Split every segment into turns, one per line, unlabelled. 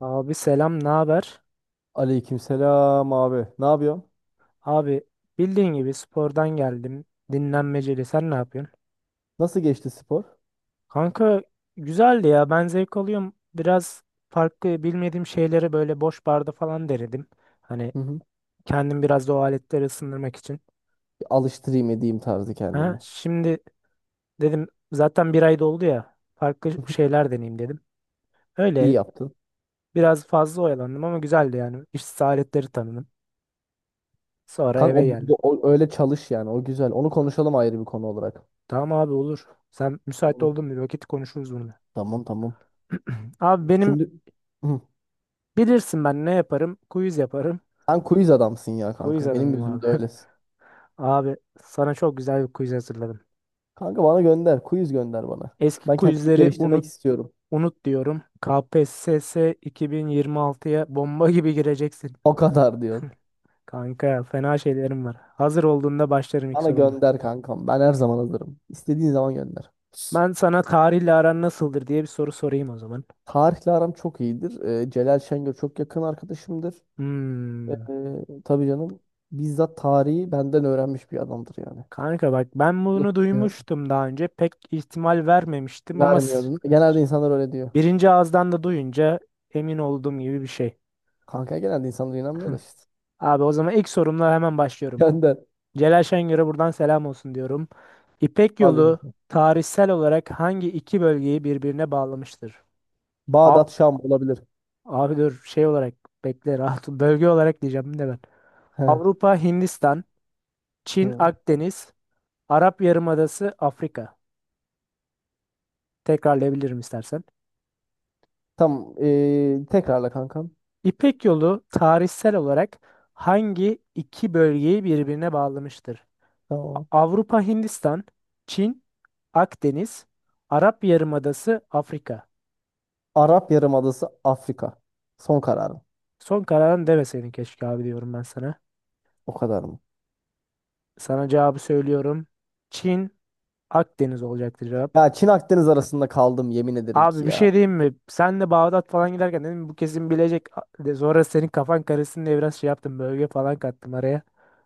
Abi selam, ne haber?
Aleykümselam abi. Ne yapıyorsun?
Abi bildiğin gibi spordan geldim. Dinlenmeceli. Sen ne yapıyorsun?
Nasıl geçti spor?
Kanka güzeldi ya. Ben zevk alıyorum. Biraz farklı bilmediğim şeyleri böyle boş barda falan denedim. Hani
Hı hı.
kendim biraz da o aletleri ısındırmak için.
Bir alıştırayım edeyim tarzı
Ha,
kendime.
şimdi dedim zaten bir ay doldu ya. Farklı
Hı hı.
şeyler deneyeyim dedim.
İyi
Öyle
yaptın.
biraz fazla oyalandım ama güzeldi yani. İşsiz aletleri tanıdım. Sonra
Kanka
eve geldim.
öyle çalış yani. O güzel. Onu konuşalım ayrı bir konu olarak.
Tamam abi olur. Sen müsait
Onu-
oldun mu, bir vakit konuşuruz bunu?
Tamam.
Abi benim,
Şimdi. Hı.
bilirsin ben ne yaparım? Quiz yaparım.
Sen quiz adamsın ya
Quiz
kanka. Benim
adamım abi.
gözümde öylesin.
Abi sana çok güzel bir quiz hazırladım.
Kanka bana gönder. Quiz gönder bana.
Eski
Ben kendimi
quizleri
geliştirmek
unut
istiyorum.
unut diyorum. KPSS 2026'ya bomba gibi gireceksin.
O kadar diyorsun.
Kanka fena şeylerim var. Hazır olduğunda başlarım ilk
Bana
sorumla.
gönder kankam. Ben her zaman hazırım. İstediğin zaman gönder.
Ben sana tarihle aran nasıldır diye bir soru sorayım o zaman.
Tarihle aram çok iyidir. Celal Şengör çok yakın arkadaşımdır.
Hmm.
Tabii canım. Bizzat tarihi benden öğrenmiş bir adamdır yani.
Kanka bak ben
Bu da
bunu
şey yap-
duymuştum daha önce. Pek ihtimal vermemiştim ama
vermiyordun. Genelde insanlar öyle diyor.
birinci ağızdan da duyunca emin olduğum gibi bir şey.
Kanka genelde insanlar inanmıyor da işte.
Abi o zaman ilk sorumla hemen başlıyorum.
Benden.
Celal Şengör'e buradan selam olsun diyorum. İpek
Hadi.
Yolu tarihsel olarak hangi iki bölgeyi birbirine bağlamıştır? Av
Bağdat Şam olabilir.
abi dur, şey olarak bekle, rahat ol. Bölge olarak diyeceğim de ben.
He.
Avrupa, Hindistan, Çin,
Hı.
Akdeniz, Arap Yarımadası, Afrika. Tekrarlayabilirim istersen.
Tamam. Tekrarla kankam.
İpek Yolu tarihsel olarak hangi iki bölgeyi birbirine bağlamıştır?
Tamam.
Avrupa, Hindistan, Çin, Akdeniz, Arap Yarımadası, Afrika.
Arap Yarımadası Afrika. Son kararım.
Son kararın deme senin, keşke abi diyorum ben sana.
O kadar mı?
Sana cevabı söylüyorum. Çin, Akdeniz olacaktı cevap.
Ya Çin Akdeniz arasında kaldım yemin ederim ki
Abi bir
ya.
şey diyeyim mi? Sen de Bağdat falan giderken dedim bu kesin bilecek. A- De Sonra senin kafan karışsın diye biraz şey yaptım. Bölge falan kattım araya.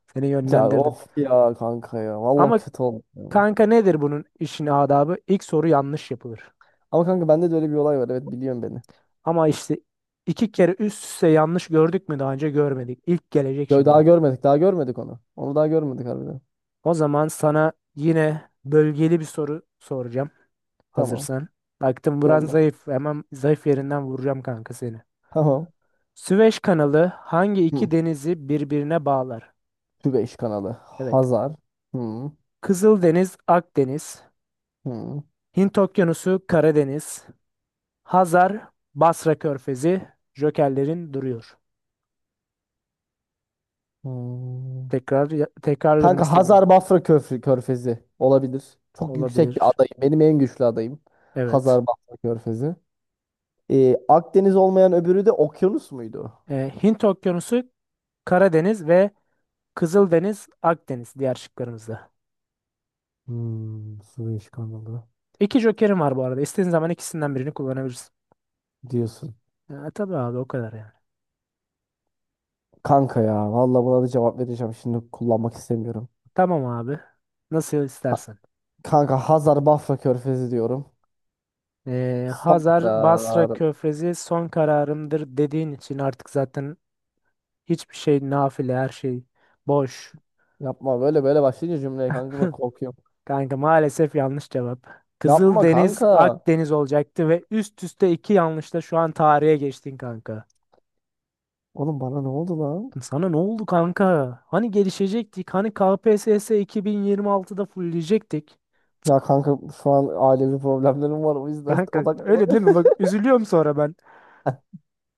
Seni
Ya
yönlendirdim.
of ya kanka ya. Vallahi
Ama
kötü oldu.
kanka nedir bunun işin adabı? İlk soru yanlış yapılır.
Ama kanka bende de öyle bir olay var. Evet biliyorum beni.
Ama işte iki kere üst üste yanlış gördük mü daha önce? Görmedik. İlk gelecek
Yo, daha
şimdi.
görmedik. Daha görmedik onu. Onu daha görmedik harbiden.
O zaman sana yine bölgeli bir soru soracağım.
Tamam.
Hazırsan. Baktım buran
Yolla.
zayıf. Hemen zayıf yerinden vuracağım kanka seni.
Tamam.
Süveyş kanalı hangi
Hı.
iki denizi birbirine bağlar?
Tübeş kanalı.
Evet.
Hazar. Hı.
Kızıldeniz, Akdeniz.
Hı.
Hint Okyanusu, Karadeniz. Hazar, Basra Körfezi. Jokerlerin duruyor.
Hı.
Tekrar tekrarlarım
Kanka
istedim.
Hazar Bafra Köfrü, Körfezi olabilir. Çok yüksek bir
Olabilir.
adayım. Benim en güçlü adayım.
Evet.
Hazar Bafra Körfezi. Akdeniz olmayan öbürü de okyanus muydu?
Hint Okyanusu, Karadeniz ve Kızıldeniz, Akdeniz diğer şıklarımızda.
Hmm, Süveyş kanalı
İki jokerim var bu arada. İstediğin zaman ikisinden birini kullanabilirsin.
diyorsun.
Ya, tabii abi, o kadar yani.
Kanka ya vallahi buna da cevap vereceğim. Şimdi kullanmak istemiyorum.
Tamam abi. Nasıl
Ha-
istersen.
kanka Hazar Bafra Körfezi diyorum. Son
Hazar Basra
karar.
Körfezi son kararımdır dediğin için artık zaten hiçbir şey nafile, her şey boş.
Yapma, böyle böyle başlayınca cümleye kanka bak korkuyorum.
Kanka maalesef yanlış cevap.
Yapma
Kızıldeniz
kanka.
Akdeniz olacaktı ve üst üste iki yanlışla şu an tarihe geçtin kanka.
Oğlum bana ne oldu lan?
Sana ne oldu kanka? Hani gelişecektik? Hani KPSS 2026'da fulleyecektik?
Ya kanka şu an ailevi problemlerim var o yüzden
Kanka öyle
odaklanamıyorum.
değil mi? Bak üzülüyorum sonra ben.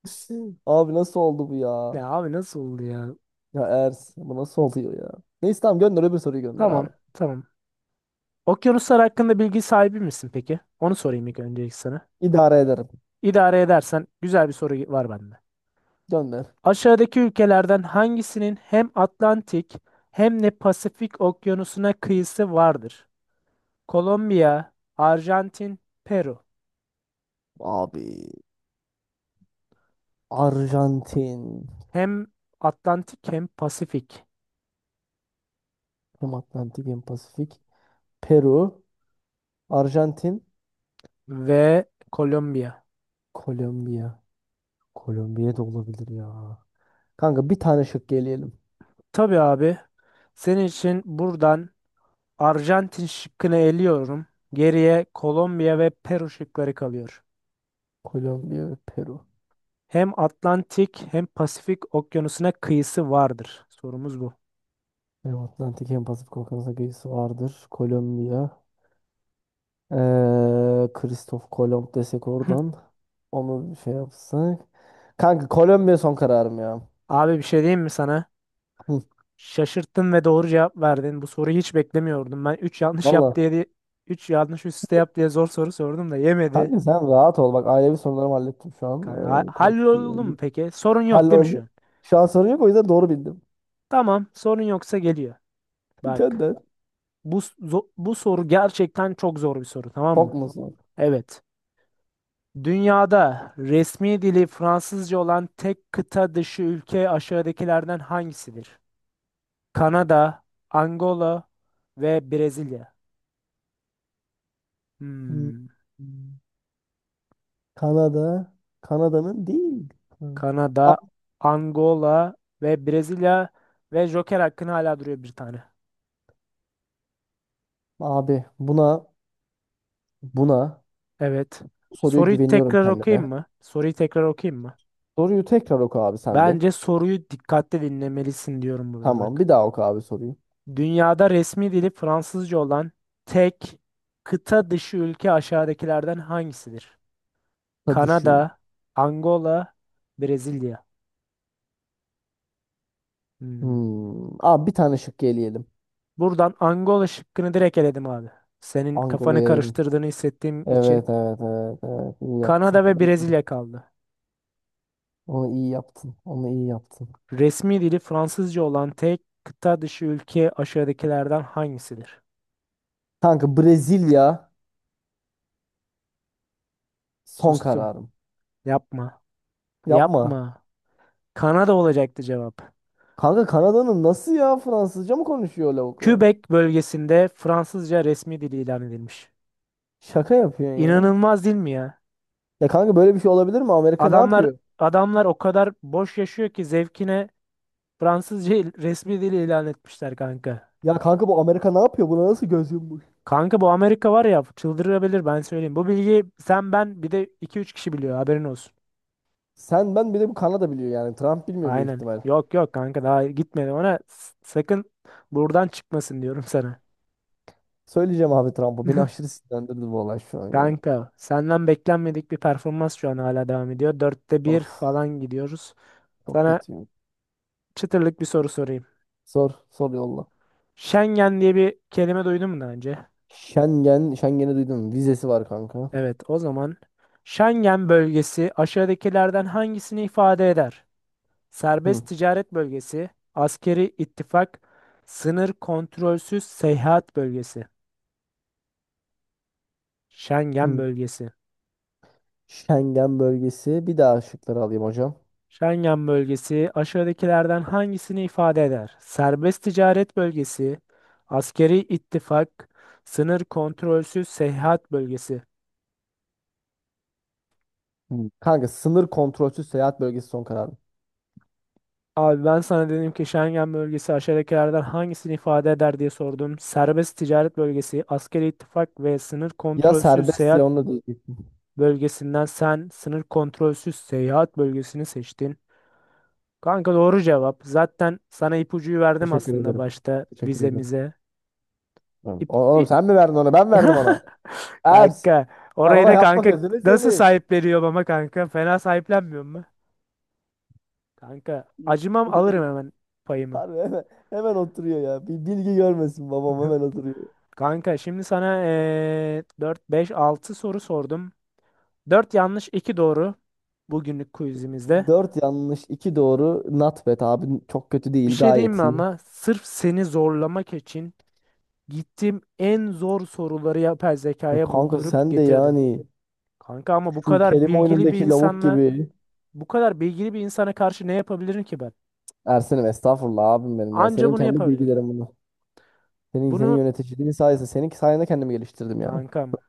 Abi nasıl oldu bu ya?
Ya abi nasıl oldu ya?
Ya Ers bu nasıl oluyor ya? Neyse tamam gönder, öbür soruyu gönder
Tamam
abi.
tamam. Okyanuslar hakkında bilgi sahibi misin peki? Onu sorayım ilk önce ilk sana.
İdare ederim.
İdare edersen güzel bir soru var bende.
Gönder.
Aşağıdaki ülkelerden hangisinin hem Atlantik hem de Pasifik okyanusuna kıyısı vardır? Kolombiya, Arjantin, Peru.
Abi Arjantin.
Hem Atlantik hem Pasifik
Hem Atlantik hem Pasifik. Peru. Arjantin.
ve Kolombiya.
Kolombiya. Kolombiya da olabilir ya. Kanka bir tane şık geleyelim.
Tabii abi. Senin için buradan Arjantin şıkkını eliyorum. Geriye Kolombiya ve Peru şıkları kalıyor.
Kolombiya ve Peru.
Hem Atlantik hem Pasifik okyanusuna kıyısı vardır. Sorumuz bu.
Hem Atlantik hem Pasifik Okyanusu'na geçisi vardır. Kolombiya. Kristof Kolomb desek oradan. Onu bir şey yapsak. Kanka Kolombiya son kararım ya.
Abi bir şey diyeyim mi sana?
Hı.
Şaşırttın ve doğru cevap verdin. Bu soruyu hiç beklemiyordum. Ben 3 yanlış yap
Vallahi.
diye, 3 yanlış üst üste yap diye zor soru sordum da yemedi.
Kanka sen rahat ol. Bak ailevi sorularımı hallettim şu an.
Kanka,
Konuştum.
halloldu mu peki? Sorun yok değil mi şu
Halloldu.
an?
Şu an sorun yok, o yüzden doğru bildim.
Tamam, sorun yoksa geliyor. Bak.
Gönder.
Bu soru gerçekten çok zor bir soru, tamam mı?
Çok musun?
Evet. Dünyada resmi dili Fransızca olan tek kıta dışı ülke aşağıdakilerden hangisidir? Kanada, Angola ve Brezilya.
Hmm.
Hmm.
Kanada. Kanada'nın değil. Hı.
Kanada, Angola ve Brezilya ve joker hakkın hala duruyor bir tane.
Abi buna
Evet.
bu soruya
Soruyu
güveniyorum
tekrar okuyayım
kendime.
mı? Soruyu tekrar okuyayım mı?
Soruyu tekrar oku abi sen bir.
Bence soruyu dikkatli dinlemelisin diyorum burada
Tamam
bak.
bir daha oku abi sorayım.
Dünyada resmi dili Fransızca olan tek kıta dışı ülke aşağıdakilerden hangisidir?
Tadı şu.
Kanada, Angola, Brezilya. Hmm.
Hmm. Abi bir tane şık eleyelim.
Buradan Angola şıkkını direkt eledim abi. Senin kafanı
Angola'yı eledin.
karıştırdığını hissettiğim için
Evet, iyi yaptın.
Kanada ve Brezilya kaldı.
Onu iyi yaptın. Onu iyi yaptın.
Resmi dili Fransızca olan tek kıta dışı ülke aşağıdakilerden hangisidir?
Kanka Brezilya son
Sustum.
kararım.
Yapma.
Yapma.
Yapma. Kanada olacaktı cevap.
Kanka Kanada'nın nasıl ya Fransızca mı konuşuyor lavuklar?
Quebec bölgesinde Fransızca resmi dili ilan edilmiş.
Şaka yapıyorsun ya.
İnanılmaz değil mi ya?
Ya kanka böyle bir şey olabilir mi? Amerika ne
Adamlar
yapıyor?
adamlar o kadar boş yaşıyor ki zevkine Fransızca resmi dil ilan etmişler kanka.
Ya kanka bu Amerika ne yapıyor? Buna nasıl göz yummuş?
Kanka bu Amerika var ya çıldırabilir, ben söyleyeyim. Bu bilgiyi sen, ben, bir de iki üç kişi biliyor, haberin olsun.
Sen ben bir de bu Kanada biliyor yani. Trump bilmiyor büyük
Aynen.
ihtimal.
Yok yok kanka, daha gitmedi ona. Sakın buradan çıkmasın diyorum sana.
Söyleyeceğim abi Trump'a. Beni aşırı sinirlendirdi bu olay şu an ya.
Kanka senden beklenmedik bir performans şu an hala devam ediyor. Dörtte bir
Of
falan gidiyoruz.
çok
Sana
kötüyüm.
çıtırlık bir soru sorayım.
Sor sor yolla.
Schengen diye bir kelime duydun mu daha önce?
Schengen. Schengen'i duydum. Vizesi var kanka.
Evet, o zaman Schengen bölgesi aşağıdakilerden hangisini ifade eder? Serbest
Hı.
ticaret bölgesi, askeri ittifak, sınır kontrolsüz seyahat bölgesi. Schengen
Hı.
bölgesi.
Schengen bölgesi. Bir daha şıkları alayım hocam.
Schengen bölgesi aşağıdakilerden hangisini ifade eder? Serbest ticaret bölgesi, askeri ittifak, sınır kontrolsüz seyahat bölgesi.
Hı. Kanka sınır kontrolsüz seyahat bölgesi son kararım.
Abi ben sana dedim ki Schengen bölgesi aşağıdakilerden hangisini ifade eder diye sordum. Serbest ticaret bölgesi, askeri ittifak ve sınır
Ya
kontrolsüz
serbest
seyahat
ya onunla da.
bölgesinden sen sınır kontrolsüz seyahat bölgesini seçtin. Kanka doğru cevap. Zaten sana ipucuyu verdim
Teşekkür
aslında
ederim.
başta
Teşekkür ederim.
vizemize.
Tamam.
İp,
O- Oğlum
i-
sen mi verdin ona? Ben verdim ona. Ers.
Kanka
Ya
orayı
baba
da
yapma
kanka
gözünü
nasıl
seveyim.
sahipleniyorum ama, kanka fena sahiplenmiyor mu? Kanka acımam, alırım hemen payımı.
Harbi hemen, hemen oturuyor ya. Bir bilgi görmesin babam hemen oturuyor.
Kanka şimdi sana 4, 5, 6 soru sordum. Dört yanlış, 2 doğru bugünlük quizimizde.
4 yanlış, 2 doğru. Not bad abi. Çok kötü
Bir
değil.
şey diyeyim mi,
Gayet iyi.
ama sırf seni zorlamak için gittim en zor soruları yapay
Ya
zekaya
kanka
buldurup
sen de
getirdim.
yani
Kanka ama
şu kelime oyunundaki lavuk gibi.
bu kadar bilgili bir insana karşı ne yapabilirim ki ben?
Ersen'im estağfurullah abim benim ya.
Anca
Senin
bunu
kendi
yapabilirdim.
bilgilerin bunlar. Senin, senin
Bunu
yöneticiliğin sayesinde. Senin sayende kendimi geliştirdim yani.
kankam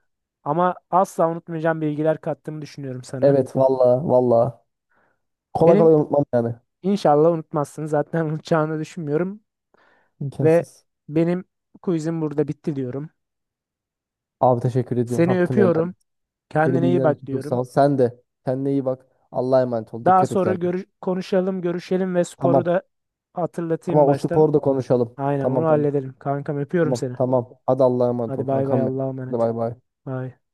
ama asla unutmayacağım bilgiler kattığımı düşünüyorum sana.
Evet, valla valla. Kolay kolay
Benim
unutmam yani.
inşallah unutmazsın zaten, unutacağını düşünmüyorum. Ve
İmkansız.
benim quizim burada bitti diyorum.
Abi teşekkür ediyorum.
Seni
Hakkını helal et.
öpüyorum.
Beni
Kendine iyi
bilgilendirdin
bak
için çok
diyorum.
sağ ol. Sen de. Kendine iyi bak. Allah'a emanet ol.
Daha
Dikkat et
sonra
kendine.
görüş konuşalım, görüşelim ve sporu
Tamam.
da hatırlatayım
Tamam o
baştan.
sporu da konuşalım.
Aynen onu
Tamam.
halledelim. Kankam öpüyorum
Tamam
seni.
tamam. Hadi Allah'a emanet
Hadi
ol
bay bay,
kankam benim.
Allah'a
Hadi
emanet.
bay bay.
Bay.